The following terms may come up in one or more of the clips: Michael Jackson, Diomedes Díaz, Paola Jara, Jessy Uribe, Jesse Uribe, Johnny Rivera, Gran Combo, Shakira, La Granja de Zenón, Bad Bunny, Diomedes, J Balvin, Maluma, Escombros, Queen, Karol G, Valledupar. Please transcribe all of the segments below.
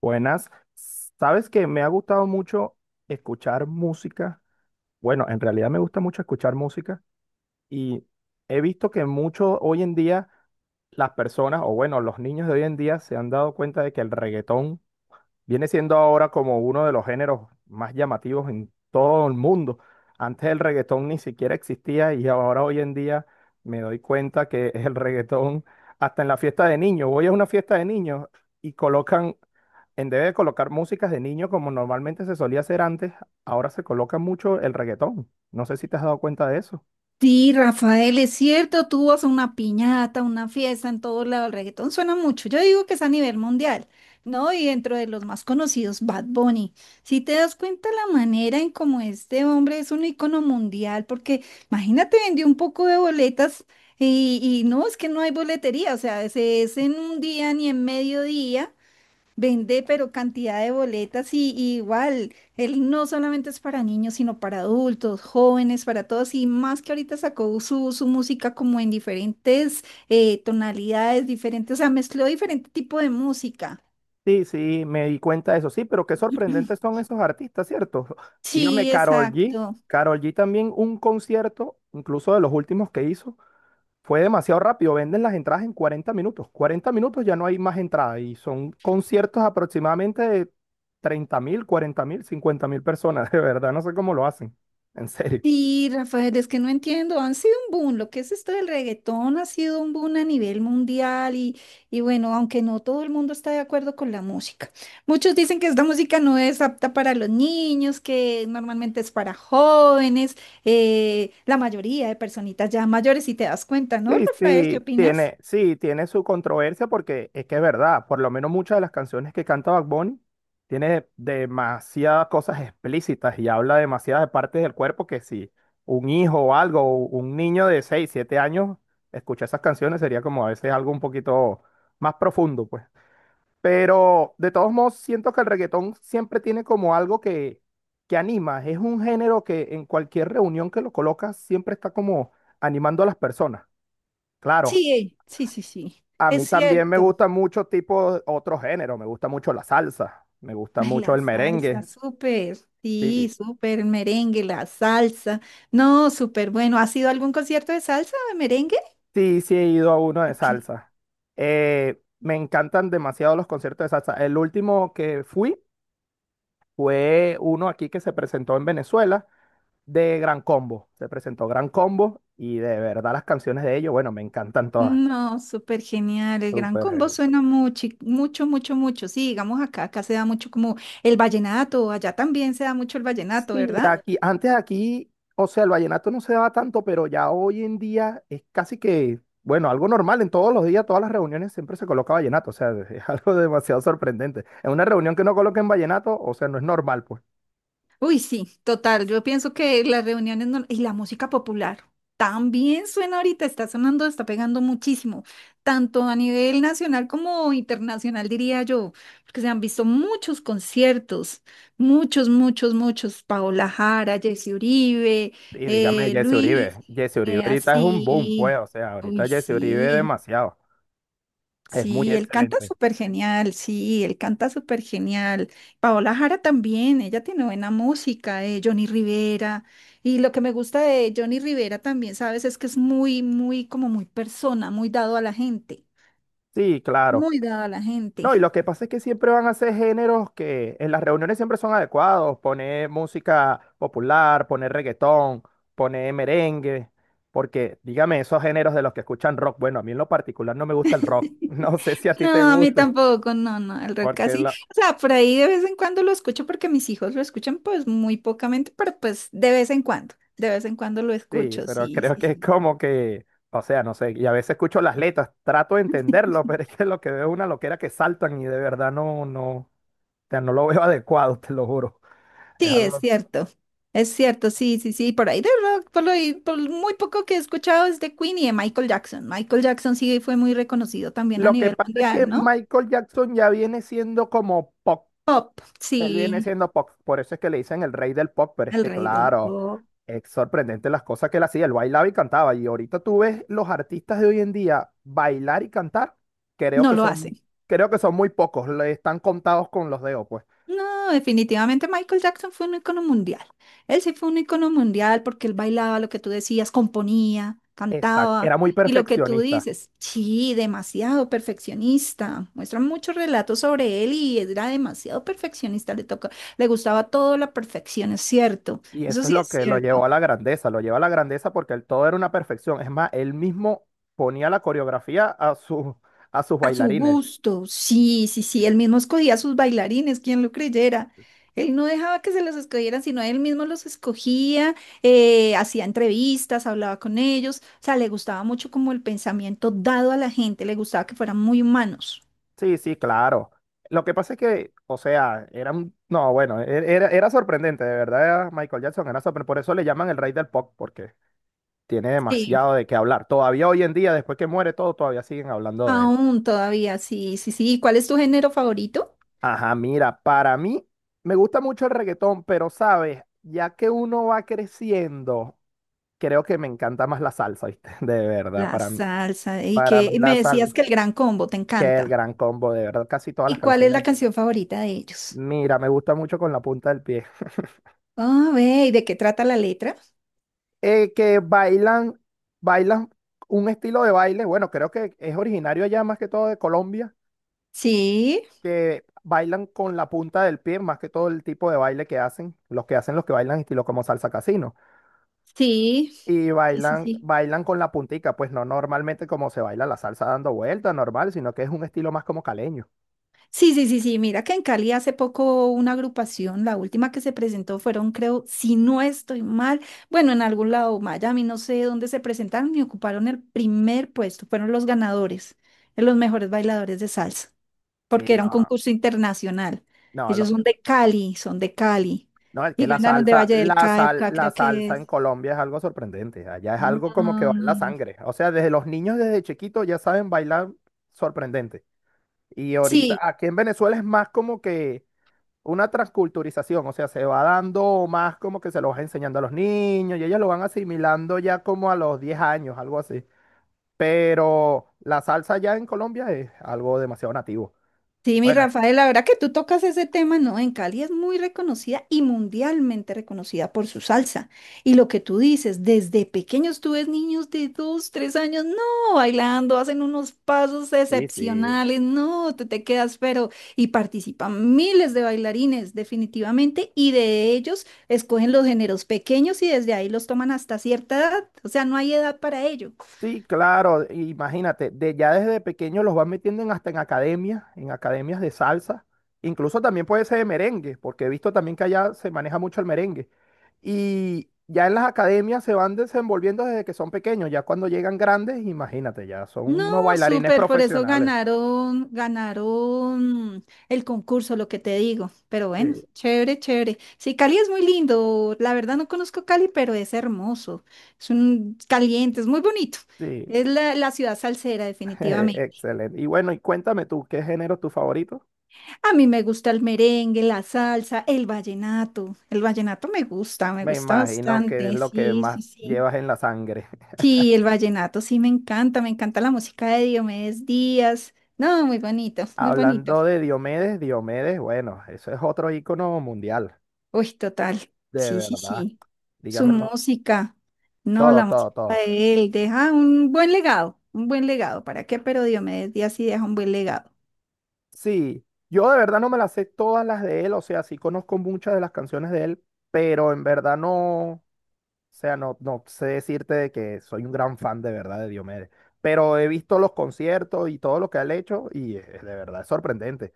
Buenas. Sabes que me ha gustado mucho escuchar música. Bueno, en realidad me gusta mucho escuchar música y he visto que mucho hoy en día las personas, o bueno, los niños de hoy en día se han dado cuenta de que el reggaetón viene siendo ahora como uno de los géneros más llamativos en todo el mundo. Antes el reggaetón ni siquiera existía y ahora hoy en día me doy cuenta que el reggaetón, hasta en la fiesta de niños, voy a una fiesta de niños y colocan en vez de colocar músicas de niño como normalmente se solía hacer antes, ahora se coloca mucho el reggaetón. No sé si te has dado cuenta de eso. Sí, Rafael, es cierto, tú vas a una piñata, una fiesta en todo lado, el reggaetón suena mucho, yo digo que es a nivel mundial, ¿no? Y dentro de los más conocidos, Bad Bunny. Si te das cuenta la manera en cómo este hombre es un icono mundial, porque imagínate, vendió un poco de boletas y no, es que no hay boletería, o sea, se es en un día ni en mediodía, vende, pero cantidad de boletas y igual, él no solamente es para niños, sino para adultos, jóvenes, para todos, y más que ahorita sacó su música como en diferentes tonalidades diferentes, o sea, mezcló diferente tipo de música. Sí, sí, me di cuenta de eso. Sí, pero qué sorprendentes son esos artistas, ¿cierto? Dígame, Sí, Karol G. exacto. Karol G también un concierto, incluso de los últimos que hizo, fue demasiado rápido. Venden las entradas en 40 minutos. 40 minutos ya no hay más entrada y son conciertos aproximadamente de 30 mil, 40 mil, 50 mil personas. De verdad, no sé cómo lo hacen. En serio. Sí, Rafael, es que no entiendo, han sido un boom, lo que es esto del reggaetón ha sido un boom a nivel mundial y bueno, aunque no todo el mundo está de acuerdo con la música. Muchos dicen que esta música no es apta para los niños, que normalmente es para jóvenes, la mayoría de personitas ya mayores, si te das cuenta, ¿no, Sí, Rafael? ¿Qué sí, opinas? Tiene su controversia porque es que es verdad, por lo menos muchas de las canciones que canta Bad Bunny tiene demasiadas cosas explícitas y habla demasiadas de partes del cuerpo que si un hijo o algo, o un niño de 6, 7 años escucha esas canciones sería como a veces algo un poquito más profundo, pues. Pero de todos modos siento que el reggaetón siempre tiene como algo que anima, es un género que en cualquier reunión que lo colocas siempre está como animando a las personas. Claro, Sí, sí, sí, sí, a es mí también me cierto. gustan muchos tipos, otros géneros. Me gusta mucho la salsa. Me gusta Ay, mucho la el salsa, merengue. súper, Sí, sí, súper, el merengue, la salsa. No, súper bueno. ¿Has ido a algún concierto de salsa o de merengue? sí, sí he ido a uno de salsa. Me encantan demasiado los conciertos de salsa. El último que fui fue uno aquí que se presentó en Venezuela de Gran Combo. Se presentó Gran Combo y de verdad las canciones de ellos, bueno, me encantan todas. No, súper genial. El Gran Súper Combo genial. suena mucho, mucho, mucho, mucho. Sí, digamos acá, acá se da mucho como el vallenato, allá también se da mucho el vallenato, ¿verdad? Aquí, antes aquí, o sea, el vallenato no se daba tanto, pero ya hoy en día es casi que, bueno, algo normal. En todos los días, todas las reuniones siempre se coloca vallenato. O sea, es algo demasiado sorprendente. En una reunión que no coloquen vallenato, o sea, no es normal, pues. Uy, sí, total. Yo pienso que las reuniones no- y la música popular también suena ahorita, está sonando, está pegando muchísimo, tanto a nivel nacional como internacional, diría yo, porque se han visto muchos conciertos, muchos, muchos, muchos. Paola Jara, Jessy Uribe, Y dígame, Jesse Luis, Uribe. Jesse Uribe ahorita es un boom, pues. así. O sea, Uy, ahorita Jesse Uribe es sí. demasiado. Es muy Sí, él canta excelente. súper genial, sí, él canta súper genial. Paola Jara también, ella tiene buena música, Johnny Rivera. Y lo que me gusta de Johnny Rivera también, ¿sabes? Es que es muy, muy, como muy persona, muy dado a la gente, Sí, claro. muy dado a la No, y gente. lo que pasa es que siempre van a ser géneros que en las reuniones siempre son adecuados, poner música popular, poner reggaetón, poner merengue, porque dígame, esos géneros de los que escuchan rock, bueno, a mí en lo particular no me gusta el rock, no sé si a ti te No, a mí guste, tampoco, no, no, el rock porque casi, la- o sea, por ahí de vez en cuando lo escucho porque mis hijos lo escuchan pues muy pocamente, pero pues de vez en cuando, de vez en cuando lo sí, escucho, pero sí, creo sí, que es sí. como que, o sea, no sé, y a veces escucho las letras, trato de entenderlo, pero es que lo que veo es una loquera que saltan y de verdad no, no, o sea, no lo veo adecuado, te lo juro, es Sí, es algo... cierto. Es cierto, sí, sí, sí. Por ahí de rock, por muy poco que he escuchado es de Queen y de Michael Jackson. Michael Jackson sí fue muy reconocido también a Lo que nivel pasa es que mundial, ¿no? Michael Jackson ya viene siendo como pop. Pop, Él viene sí, siendo pop. Por eso es que le dicen el rey del pop. Pero es el que, rey del claro, pop. es sorprendente las cosas que él hacía. Él bailaba y cantaba. Y ahorita tú ves los artistas de hoy en día bailar y cantar. Creo No que lo son, hace. creo que son muy pocos. Le están contados con los dedos, pues. No, definitivamente Michael Jackson fue un icono mundial. Él sí fue un icono mundial porque él bailaba lo que tú decías, componía, Exacto. cantaba. Era muy Y lo que tú perfeccionista. dices, sí, demasiado perfeccionista. Muestran muchos relatos sobre él y era demasiado perfeccionista. Le tocó, le gustaba todo la perfección, es cierto. Y Eso eso es sí lo es que lo llevó cierto. a la grandeza. Lo llevó a la grandeza porque el todo era una perfección. Es más, él mismo ponía la coreografía a sus, A su bailarines. gusto, sí, sí, sí, él mismo escogía a sus bailarines, quien lo creyera. Él no dejaba que se los escogieran, sino él mismo los escogía, hacía entrevistas, hablaba con ellos, o sea, le gustaba mucho como el pensamiento dado a la gente, le gustaba que fueran muy humanos. Sí, sí, claro. Lo que pasa es que, o sea, era un... No, bueno, era sorprendente, de verdad, Michael Jackson era sorprendente. Por eso le llaman el rey del pop, porque tiene Sí, demasiado de qué hablar. Todavía hoy en día, después que muere todo, todavía siguen hablando de él. aún todavía, sí, sí, sí. ¿Y cuál es tu género favorito? Ajá, mira, para mí me gusta mucho el reggaetón, pero sabes, ya que uno va creciendo, creo que me encanta más la salsa, ¿viste? De verdad, La para mí, salsa, y para que mí y la me decías salsa, que el Gran Combo te que el encanta. gran combo, de verdad, casi todas las ¿Y cuál es la canciones. canción favorita de ellos? Mira, me gusta mucho con la punta del pie. Ah, ve, ¿y de qué trata la letra? Que bailan, bailan un estilo de baile, bueno, creo que es originario allá más que todo de Colombia, Sí. que bailan con la punta del pie, más que todo el tipo de baile que hacen, los que bailan estilo como salsa casino, Sí, y sí, sí, bailan, sí. bailan con la puntica, pues no normalmente como se baila la salsa dando vueltas, normal, sino que es un estilo más como caleño. Sí, sí, sí, sí. Mira que en Cali hace poco una agrupación, la última que se presentó fueron, creo, si no estoy mal, bueno, en algún lado, Miami, no sé dónde se presentaron y ocuparon el primer puesto. Fueron los ganadores, de los mejores bailadores de salsa, Sí, porque era un no, concurso internacional. no, lo Ellos que... son de Cali No, es que y ganaron de Valle del Cauca, la creo que salsa en es. Colombia es algo sorprendente. Allá es No, algo como que no, va en la no. sangre. O sea, desde los niños desde chiquitos ya saben bailar sorprendente. Y ahorita Sí, aquí en Venezuela es más como que una transculturización. O sea, se va dando más como que se lo va enseñando a los niños y ellos lo van asimilando ya como a los 10 años, algo así. Pero la salsa allá en Colombia es algo demasiado nativo. sí, mi Bueno, Rafael, la verdad que tú tocas ese tema, ¿no? En Cali es muy reconocida y mundialmente reconocida por su salsa. Y lo que tú dices, desde pequeños tú ves niños de 2, 3 años, no, bailando, hacen unos pasos sí, sí. excepcionales, no, te quedas, pero, y participan miles de bailarines, definitivamente, y de ellos escogen los géneros pequeños y desde ahí los toman hasta cierta edad, o sea, no hay edad para ello. Sí, claro, imagínate, ya desde pequeño los van metiendo hasta en academias de salsa, incluso también puede ser de merengue, porque he visto también que allá se maneja mucho el merengue. Y ya en las academias se van desenvolviendo desde que son pequeños, ya cuando llegan grandes, imagínate, ya son No, unos bailarines súper, por eso profesionales. ganaron, ganaron el concurso, lo que te digo. Pero bueno, Sí, chévere, chévere. Sí, Cali es muy lindo. La verdad no conozco Cali, pero es hermoso. Es un caliente, es muy bonito. sí, Es la, la ciudad salsera, definitivamente. excelente. Y bueno, y cuéntame tú, ¿qué género es tu favorito? A mí me gusta el merengue, la salsa, el vallenato. El vallenato me Me gusta imagino que es bastante. lo que Sí, más sí, sí. llevas en la sangre. Sí, el vallenato sí me encanta la música de Diomedes Díaz. No, muy bonito, muy bonito. Hablando de Diomedes, Diomedes, bueno, eso es otro ícono mundial, Uy, total. de Sí, sí, verdad. sí. Su Dígamelo, música. No, todo, la todo, música todo. de él deja un buen legado, un buen legado. ¿Para qué? Pero Diomedes Díaz sí deja un buen legado. Sí, yo de verdad no me las sé todas las de él, o sea, sí conozco muchas de las canciones de él, pero en verdad no, o sea, no, no sé decirte de que soy un gran fan de verdad de Diomedes. Pero he visto los conciertos y todo lo que él ha hecho y de verdad es sorprendente,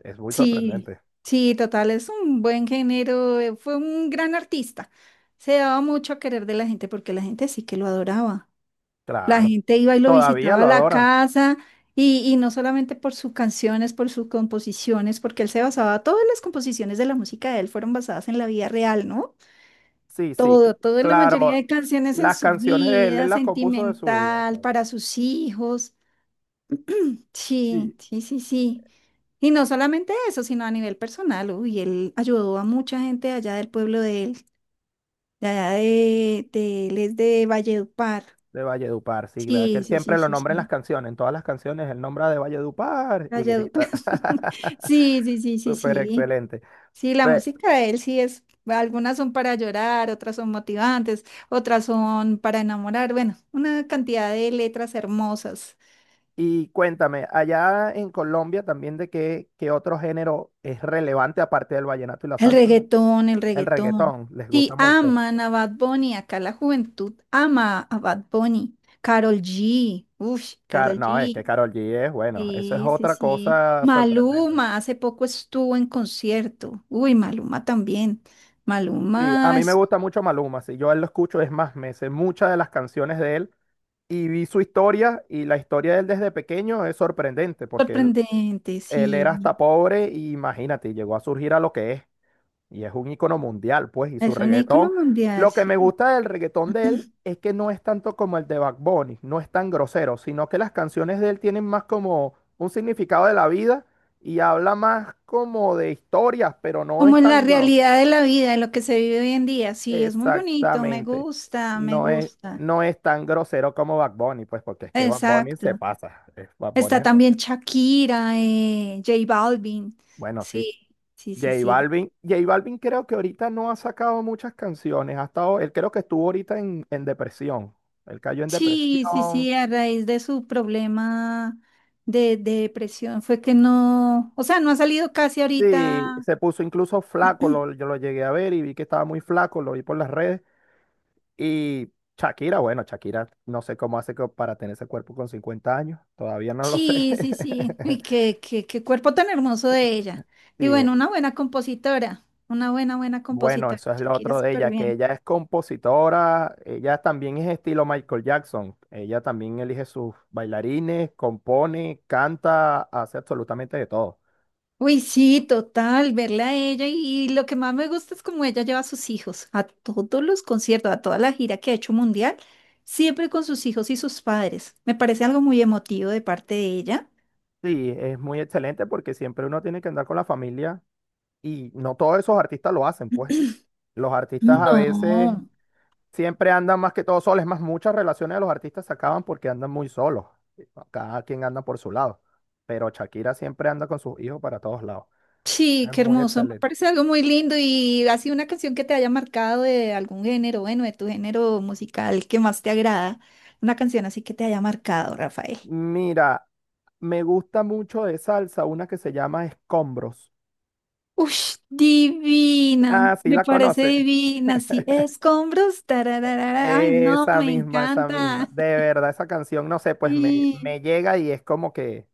es muy Sí, sorprendente. sí, total, es un buen género. Fue un gran artista. Se daba mucho a querer de la gente porque la gente sí que lo adoraba. La Claro, gente iba y lo todavía visitaba a lo la adoran. casa y no solamente por sus canciones, por sus composiciones, porque él se basaba, todas las composiciones de la música de él fueron basadas en la vida real, ¿no? Sí, sí, Todo, toda la mayoría claro, de canciones en las su canciones de él, él vida, las compuso de su vida. sentimental, para sus hijos. Sí, Sí, sí, sí, sí. Y no solamente eso, sino a nivel personal. Uy, él ayudó a mucha gente allá del pueblo de él, de allá de él es de Valledupar. de Valledupar, sí, ¿verdad? Que Sí, él sí, siempre sí, lo sí, nombra en las sí. canciones, en todas las canciones él nombra de Valledupar y Valledupar. grita. Sí, sí, sí, sí, Súper sí. excelente. Sí, la Ve, música de él sí es, algunas son para llorar, otras son motivantes, otras son para enamorar, bueno, una cantidad de letras hermosas. y cuéntame, allá en Colombia también de qué otro género es relevante aparte del vallenato y la El salsa. reggaetón, el El reggaetón. reggaetón, les gusta Sí, mucho. aman a Bad Bunny, acá la juventud ama a Bad Bunny. Karol G, uff, Car- Karol no, es que G. Karol G es bueno, eso es Sí, sí, otra sí. cosa sorprendente. Maluma, hace poco estuvo en concierto. Uy, Maluma también. Sí, a Maluma mí me es gusta mucho Maluma, si yo a él lo escucho es más, me sé muchas de las canciones de él y vi su historia y la historia de él desde pequeño es sorprendente porque él, sorprendente, él era sí. hasta pobre y imagínate, llegó a surgir a lo que es y es un ícono mundial, pues, y su Es un ícono reggaetón. mundial, Lo que me sí. gusta del reggaetón de él es que no es tanto como el de Bad Bunny, no es tan grosero, sino que las canciones de él tienen más como un significado de la vida y habla más como de historias, pero no Como es en la tan grosero. realidad de la vida, de lo que se vive hoy en día. Sí, es muy bonito, me Exactamente. gusta, me No es, gusta. no es tan grosero como Bad Bunny, pues porque es que Bad Bunny se Exacto. pasa. Es Bad Bunny. Está también Shakira, J Balvin. Bueno, sí. Sí, sí, sí, J sí. Balvin. J Balvin creo que ahorita no ha sacado muchas canciones. Él creo que estuvo ahorita en depresión. Él cayó en Sí, sí, depresión. sí, a raíz de su problema de depresión fue que no, o sea, no ha salido casi Sí, ahorita. se puso incluso flaco. Yo lo llegué a ver y vi que estaba muy flaco. Lo vi por las redes. Y Shakira, bueno, Shakira, no sé cómo hace para tener ese cuerpo con 50 años. Todavía no lo sé. Sí, sí, sí. Y qué cuerpo tan hermoso de ella. Y Sí, bueno, una buena compositora, una buena, buena bueno, compositora. eso es lo Shakira, otro de súper ella, que bien. ella es compositora, ella también es estilo Michael Jackson, ella también elige sus bailarines, compone, canta, hace absolutamente de todo. Uy, sí, total, verla a ella y lo que más me gusta es como ella lleva a sus hijos a todos los conciertos, a toda la gira que ha hecho mundial, siempre con sus hijos y sus padres. Me parece algo muy emotivo de parte de ella. Sí, es muy excelente porque siempre uno tiene que andar con la familia y no todos esos artistas lo hacen, pues los artistas Mm. a veces No. siempre andan más que todo solos, es más, muchas relaciones de los artistas se acaban porque andan muy solos, cada quien anda por su lado, pero Shakira siempre anda con sus hijos para todos lados, Sí, es qué muy hermoso, me excelente. parece algo muy lindo y así una canción que te haya marcado de algún género, bueno, de tu género musical que más te agrada, una canción así que te haya marcado, Rafael. Mira, me gusta mucho de salsa una que se llama Escombros. Ush, divina, Ah, sí, me la parece conoce. divina, sí, escombros, tarararara, ay, no, Esa me misma, esa misma. encanta, De verdad, esa canción, no sé, pues me, sí, me llega y es como que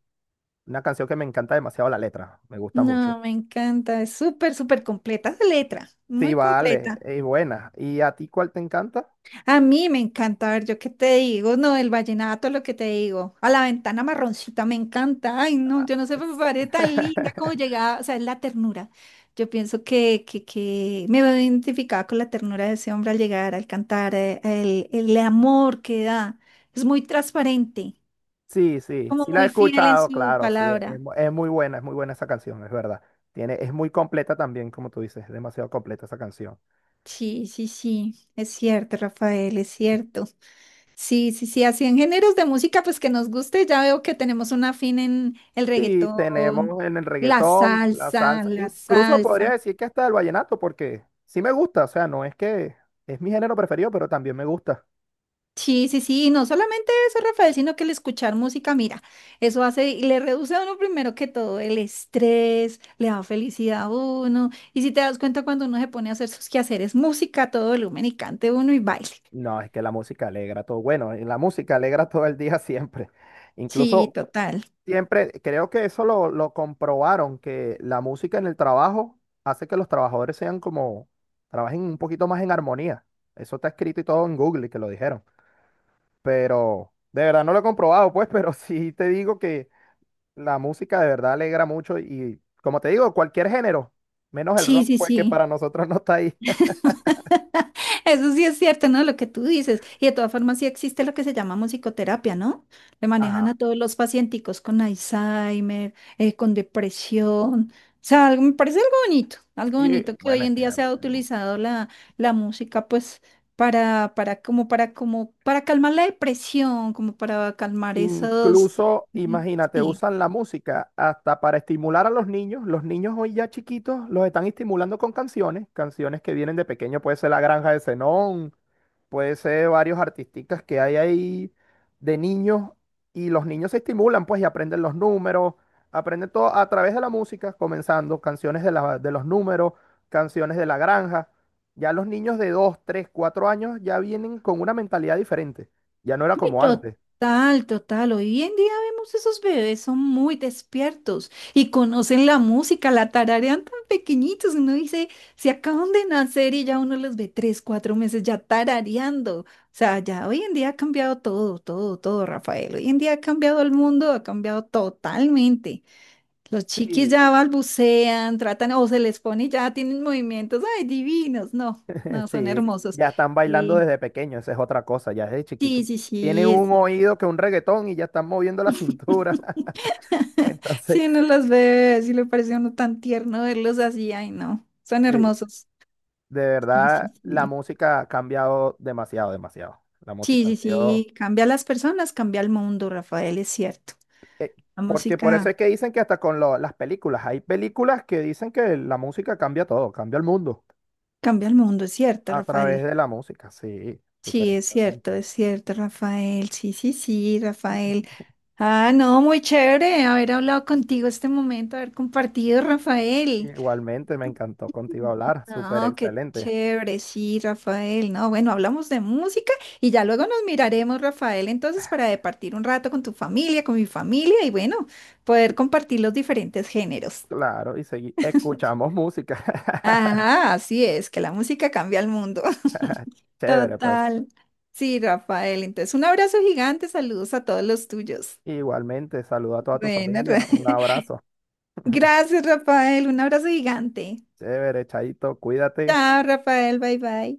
una canción que me encanta demasiado la letra. Me gusta mucho. no, me encanta, es súper, súper completa la letra, Sí, muy vale, completa. es buena. ¿Y a ti cuál te encanta? A mí me encanta, a ver, yo qué te digo, no, el vallenato, lo que te digo, a la ventana marroncita me encanta, ay, no, Ah, yo no sé, me s- parece tan linda como llegaba, o sea, es la ternura. Yo pienso que me veo identificada con la ternura de ese hombre al llegar, al cantar, el amor que da, es muy transparente, Sí, sí, como sí la he muy fiel en escuchado, su claro, sí, palabra. Es muy buena esa canción, es verdad. Es muy completa también, como tú dices, es demasiado completa esa canción. Sí, sí, sí, es cierto, Rafael, es cierto. Sí, sí, sí, así en géneros de música, pues que nos guste, ya veo que tenemos un afín en el Sí, reggaetón, tenemos en el la reggaetón, la salsa, salsa, la incluso podría salsa. decir que hasta el vallenato, porque sí me gusta, o sea, no es que es mi género preferido, pero también me gusta. Sí, sí, sí, y no solamente eso, Rafael, sino que el escuchar música, mira, eso hace, y le reduce a uno primero que todo el estrés, le da felicidad a uno, y si te das cuenta cuando uno se pone a hacer sus quehaceres, música, a todo volumen y cante uno y baile. No, es que la música alegra todo, bueno, y la música alegra todo el día siempre. Sí, Incluso total. siempre, creo que eso lo comprobaron, que la música en el trabajo hace que los trabajadores sean como, trabajen un poquito más en armonía. Eso está escrito y todo en Google, y que lo dijeron, pero de verdad no lo he comprobado, pues, pero sí te digo que... La música de verdad alegra mucho y, como te digo, cualquier género, menos el Sí, rock, sí, pues que sí. para nosotros no está ahí. Eso sí es cierto, ¿no? Lo que tú dices. Y de todas formas sí existe lo que se llama musicoterapia, ¿no? Le manejan Ajá. a todos los pacienticos con Alzheimer, con depresión. O sea, algo, me parece algo Sí, bonito que bueno, hoy es en que día se ha mm, utilizado la, la música, pues, para, como, para, como, para calmar la depresión, como para calmar esos, incluso, mm, imagínate, sí. usan la música hasta para estimular a los niños. Los niños hoy ya chiquitos los están estimulando con canciones, canciones que vienen de pequeño, puede ser La Granja de Zenón, puede ser varios artistas que hay ahí de niños y los niños se estimulan, pues, y aprenden los números, aprenden todo a través de la música, comenzando canciones de los números, canciones de la granja. Ya los niños de 2, 3, 4 años ya vienen con una mentalidad diferente. Ya no era Uy, como antes. total, total. Hoy en día vemos esos bebés, son muy despiertos y conocen la música, la tararean tan pequeñitos. Uno dice, se acaban de nacer y ya uno los ve 3, 4 meses ya tarareando. O sea, ya hoy en día ha cambiado todo, todo, todo, Rafael. Hoy en día ha cambiado el mundo, ha cambiado totalmente. Los chiquis Sí. ya balbucean, tratan o se les pone y ya tienen movimientos, ay, divinos. No, no, son Sí, hermosos. ya están bailando Y desde pequeño, esa es otra cosa, ya desde chiquito. sí, sí, Tiene un sí. oído que un reggaetón y ya están moviendo la cintura. Entonces, Sí, no los ve, sí le parece a uno tan tierno verlos así, ay no, son sí. hermosos. De Sí, sí, verdad, la sí. música ha cambiado demasiado, demasiado. La Sí, música ha sí, sido... sí, cambia a las personas, cambia el mundo, Rafael, es cierto. eh, La porque por eso es música que dicen que hasta con las películas, hay películas que dicen que la música cambia todo, cambia el mundo cambia el mundo, es cierto, a través Rafael. de la música. Sí, súper Sí, excelente. es cierto, Rafael. Sí, sí, sí, Rafael. Ah, no, muy chévere haber hablado contigo este momento, haber compartido, Rafael. Igualmente, me encantó contigo hablar, súper No, qué excelente. chévere, sí, Rafael. No, bueno, hablamos de música y ya luego nos miraremos, Rafael, entonces para departir un rato con tu familia, con mi familia y bueno, poder Y compartir los diferentes géneros. claro, y escuchamos música. Ajá, así es, que la música cambia el mundo. Chévere, pues. Total. Sí, Rafael, entonces un abrazo gigante, saludos a todos los tuyos. Igualmente, saludo a toda tu Bueno, familia, un abrazo. gracias, Rafael, un abrazo gigante. Chévere, Chaito, cuídate. Chao, Rafael, bye bye.